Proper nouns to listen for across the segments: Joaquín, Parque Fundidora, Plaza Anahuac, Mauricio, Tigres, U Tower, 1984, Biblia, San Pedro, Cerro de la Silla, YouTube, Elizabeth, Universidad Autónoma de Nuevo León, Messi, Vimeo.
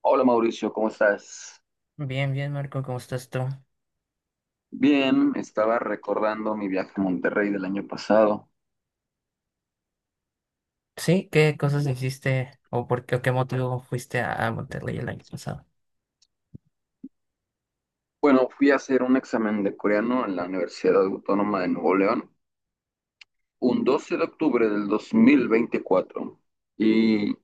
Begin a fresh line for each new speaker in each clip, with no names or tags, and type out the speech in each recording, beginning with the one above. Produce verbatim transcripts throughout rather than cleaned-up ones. Hola Mauricio, ¿cómo estás?
Bien, bien, Marco, ¿cómo estás tú?
Bien, estaba recordando mi viaje a Monterrey del año pasado.
Sí, ¿qué cosas hiciste o por qué o qué motivo fuiste a, a Monterrey el año pasado?
Bueno, fui a hacer un examen de coreano en la Universidad Autónoma de Nuevo León, un doce de octubre del dos mil veinticuatro. Y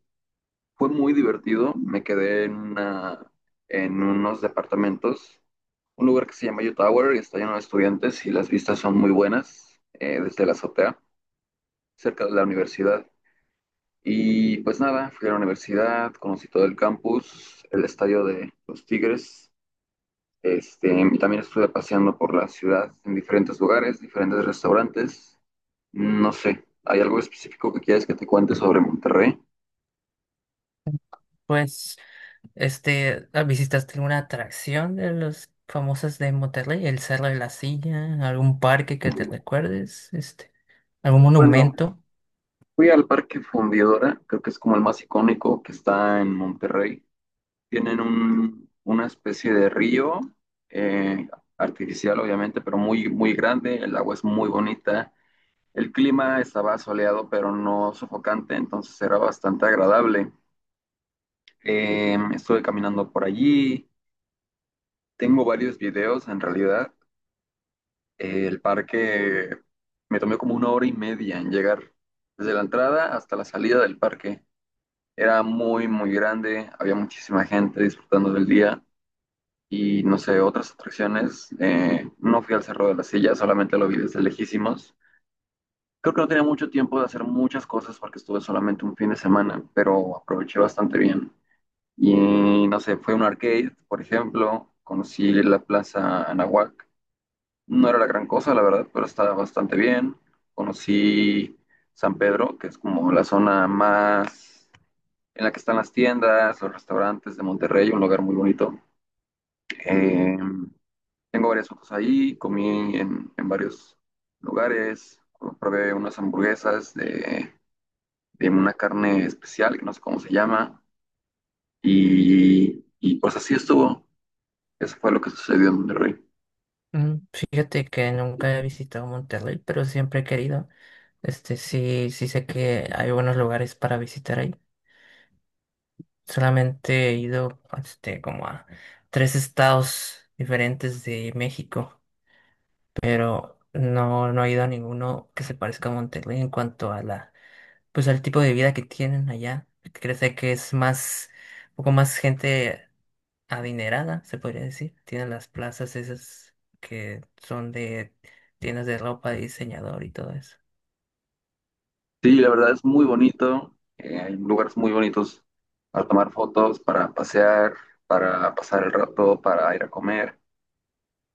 fue muy divertido, me quedé en, una- en unos departamentos, un lugar que se llama U Tower y está lleno de estudiantes y las vistas son muy buenas eh, desde la azotea, cerca de la universidad. Y pues nada, fui a la universidad, conocí todo el campus, el estadio de los Tigres. Este, y también estuve paseando por la ciudad en diferentes lugares, diferentes restaurantes. No sé, ¿hay algo específico que quieras que te cuente sobre Monterrey?
Pues Este, ah, ¿visitaste alguna atracción de los famosos de Monterrey? ¿El Cerro de la Silla? ¿Algún parque que te recuerdes? Este, ¿algún
Bueno,
monumento?
fui al Parque Fundidora, creo que es como el más icónico que está en Monterrey. Tienen un- una especie de río eh, artificial, obviamente, pero muy, muy grande. El agua es muy bonita. El clima estaba soleado, pero no sofocante, entonces era bastante agradable. Eh, estuve caminando por allí, tengo varios videos en realidad. Eh, el parque me tomé como una hora y media en llegar desde la entrada hasta la salida del parque. Era muy, muy grande, había muchísima gente disfrutando del día y no sé, otras atracciones. Eh, no fui al Cerro de la Silla, solamente lo vi desde lejísimos. Creo que no tenía mucho tiempo de hacer muchas cosas porque estuve solamente un fin de semana, pero aproveché bastante bien. Y no sé, fue un arcade, por ejemplo, conocí la Plaza Anahuac. No era la gran cosa, la verdad, pero estaba bastante bien. Conocí San Pedro, que es como la zona más en la que están las tiendas, los restaurantes de Monterrey, un lugar muy bonito. Eh, Tengo varias fotos ahí, comí en, en varios lugares, probé unas hamburguesas de de una carne especial, que no sé cómo se llama, y, y pues así estuvo. Eso fue lo que sucedió en Monterrey.
Mm, fíjate que nunca he visitado Monterrey, pero siempre he querido. Este, sí, sí sé que hay buenos lugares para visitar ahí. Solamente he ido este, como a tres estados diferentes de México, pero no, no he ido a ninguno que se parezca a Monterrey en cuanto a la, pues al tipo de vida que tienen allá. Crece que es más, un poco más gente adinerada, se podría decir. Tienen las plazas esas que son de tiendas de ropa, de diseñador y todo eso.
Sí, la verdad es muy bonito, eh, hay lugares muy bonitos para tomar fotos, para pasear, para pasar el rato, para ir a comer.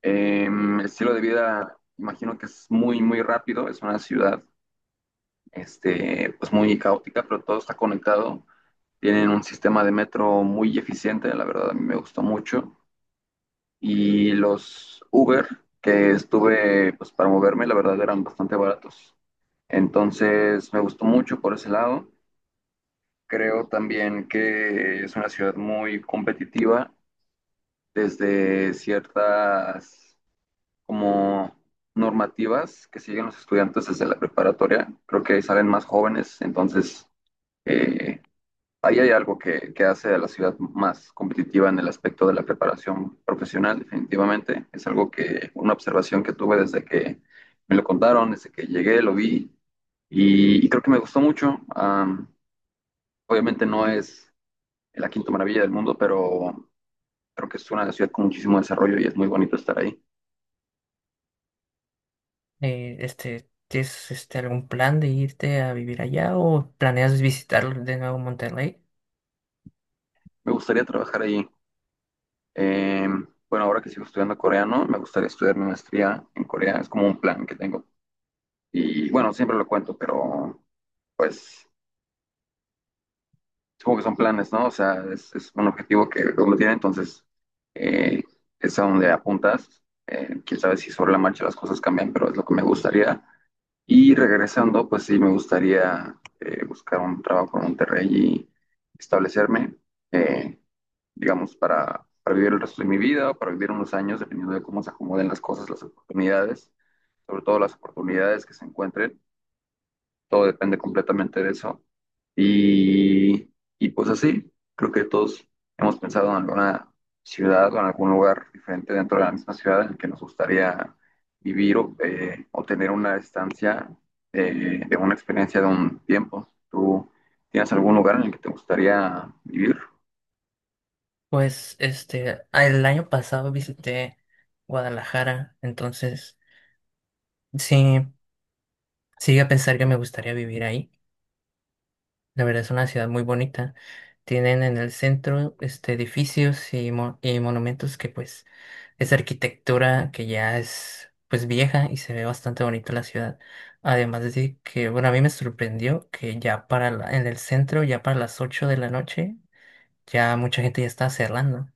Em, el estilo de vida, imagino que es muy, muy rápido, es una ciudad, este, pues muy caótica, pero todo está conectado. Tienen un sistema de metro muy eficiente, la verdad a mí me gustó mucho. Y los Uber que estuve pues, para moverme, la verdad eran bastante baratos. Entonces me gustó mucho por ese lado. Creo también que es una ciudad muy competitiva desde ciertas como normativas que siguen los estudiantes desde la preparatoria. Creo que salen más jóvenes, entonces eh, ahí hay algo que, que hace a la ciudad más competitiva en el aspecto de la preparación profesional, definitivamente. Es algo que, una observación que tuve desde que me lo contaron, desde que llegué, lo vi y, y creo que me gustó mucho. Am, obviamente no es la quinta maravilla del mundo, pero creo que es una ciudad con muchísimo desarrollo y es muy bonito estar ahí.
Eh, este, ¿tienes este, algún plan de irte a vivir allá o planeas visitar de nuevo Monterrey?
Me gustaría trabajar ahí. Em, bueno, ahora que sigo estudiando coreano, me gustaría estudiar mi maestría en Corea. Es como un plan que tengo. Y bueno, siempre lo cuento, pero pues supongo que son planes, ¿no? O sea, es, es un objetivo que uno tiene, entonces eh, es a donde apuntas. Eh, quién sabe si sobre la marcha las cosas cambian, pero es lo que me gustaría. Y regresando, pues sí, me gustaría eh, buscar un trabajo en Monterrey y establecerme, eh, digamos, para, para vivir el resto de mi vida o para vivir unos años, dependiendo de cómo se acomoden las cosas, las oportunidades, sobre todo las oportunidades que se encuentren. Todo depende completamente de eso. Y, y pues así, creo que todos hemos pensado en alguna ciudad o en algún lugar diferente dentro de la misma ciudad en el que nos gustaría vivir o, eh, o tener una estancia eh, de una experiencia de un tiempo. ¿Tú tienes algún lugar en el que te gustaría vivir?
Pues este, el año pasado visité Guadalajara, entonces sí, sí a pensar que me gustaría vivir ahí. La verdad es una ciudad muy bonita. Tienen en el centro este, edificios y, mo- y monumentos que pues es arquitectura que ya es pues vieja y se ve bastante bonita la ciudad. Además de que, bueno, a mí me sorprendió que ya para la- en el centro, ya para las ocho de la noche, ya mucha gente ya está cerrando.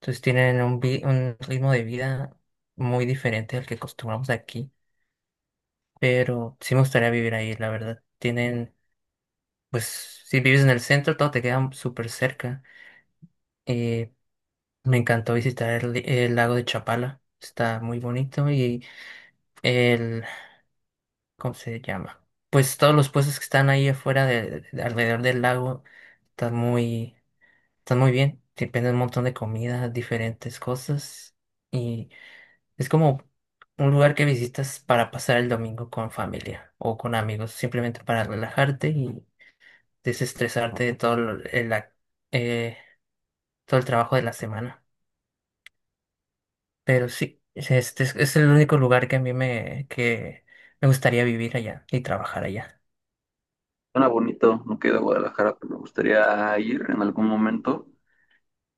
Entonces tienen un, vi- un ritmo de vida muy diferente al que acostumbramos aquí. Pero sí me gustaría vivir ahí, la verdad. Tienen, pues, si vives en el centro, todo te queda súper cerca. Eh, me encantó visitar el, el lago de Chapala. Está muy bonito y el, ¿cómo se llama? Pues todos los puestos que están ahí afuera, de, de- alrededor del lago, están muy, están muy bien. Te venden un montón de comida, diferentes cosas. Y es como un lugar que visitas para pasar el domingo con familia o con amigos, simplemente para relajarte y desestresarte de todo lo- el, ac- eh, todo el trabajo de la semana. Pero sí, es- este es, es el único lugar que a mí me, que me gustaría vivir allá y trabajar allá.
Suena bonito, no queda Guadalajara, pero me gustaría ir en algún momento.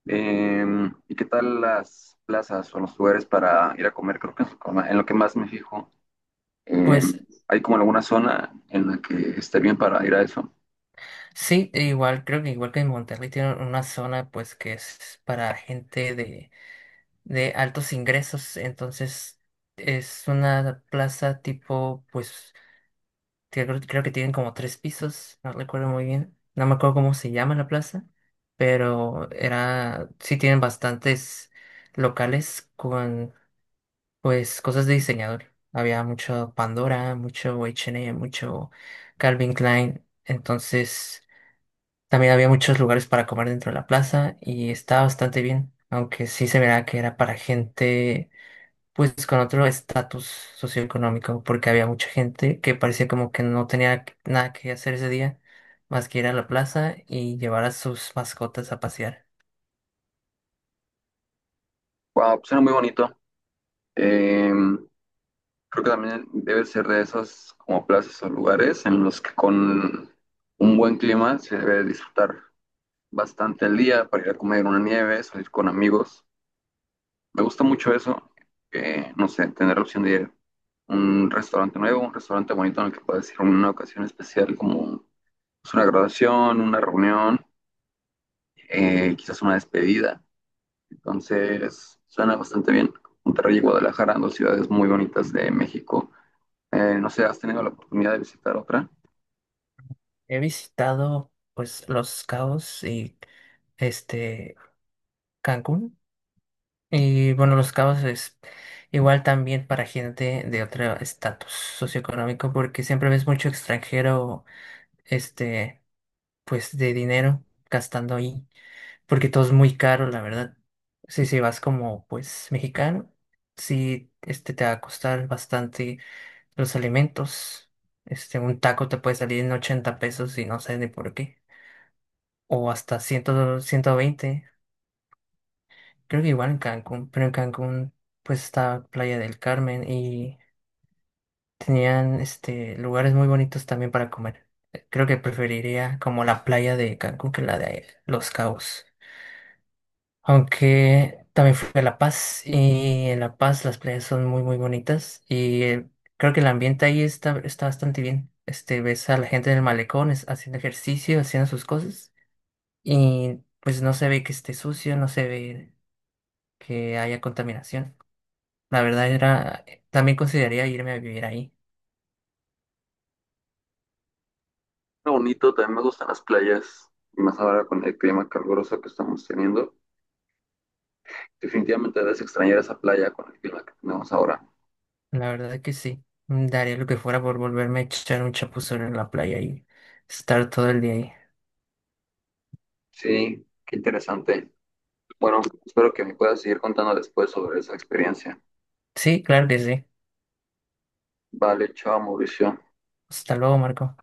Eh, ¿Y qué tal las plazas o los lugares para ir a comer? Creo que es como en lo que más me fijo. Eh,
Pues
¿Hay como alguna zona en la que esté bien para ir a eso?
sí, e igual creo que igual que en Monterrey tiene una zona pues que es para gente de, de altos ingresos, entonces es una plaza tipo pues que Creo, creo que tienen como tres pisos, no recuerdo muy bien. No me acuerdo cómo se llama la plaza, pero era, sí tienen bastantes locales con pues cosas de diseñador. Había mucho Pandora, mucho H and M, mucho Calvin Klein. Entonces, también había muchos lugares para comer dentro de la plaza y estaba bastante bien, aunque sí se verá que era para gente pues con otro estatus socioeconómico, porque había mucha gente que parecía como que no tenía nada que hacer ese día, más que ir a la plaza y llevar a sus mascotas a pasear.
Wow, suena muy bonito. Eh, Creo que también debe ser de esas como plazas o lugares en los que con un buen clima se debe disfrutar bastante el día para ir a comer una nieve, salir con amigos. Me gusta mucho eso, eh, no sé, tener la opción de ir a un restaurante nuevo, un restaurante bonito en el que puedas ir en una ocasión especial como pues, una graduación, una reunión, eh, quizás una despedida. Entonces, suena bastante bien. Monterrey y Guadalajara, dos ciudades muy bonitas de México. Eh, no sé, ¿has tenido la oportunidad de visitar otra?
He visitado pues Los Cabos y este Cancún. Y bueno, Los Cabos es igual también para gente de otro estatus socioeconómico, porque siempre ves mucho extranjero, este, pues de dinero gastando ahí. Porque todo es muy caro, la verdad. si si vas como pues mexicano, sí, este te va a costar bastante los alimentos. Este, un taco te puede salir en ochenta pesos y no sé ni por qué. O hasta cien, ciento veinte. Creo que igual en Cancún, pero en Cancún pues está Playa del Carmen y tenían este lugares muy bonitos también para comer. Creo que preferiría como la playa de Cancún que la de Los Cabos. Aunque también fui a La Paz y en La Paz las playas son muy muy bonitas y eh, creo que el ambiente ahí está, está bastante bien. Este, ves a la gente en el malecón es- haciendo ejercicio, haciendo sus cosas y pues no se ve que esté sucio, no se ve que haya contaminación. La verdad era, eh, también consideraría irme a vivir ahí.
Está bonito, también me gustan las playas, y más ahora con el clima caluroso que estamos teniendo. Definitivamente debes extrañar esa playa con el clima que tenemos ahora.
La verdad que sí. Mm, daría lo que fuera por volverme a echar un chapuzón en la playa y estar todo el día ahí.
Sí, qué interesante. Bueno, espero que me puedas seguir contando después sobre esa experiencia.
Sí, claro que sí.
Vale, chao, Mauricio.
Hasta luego, Marco.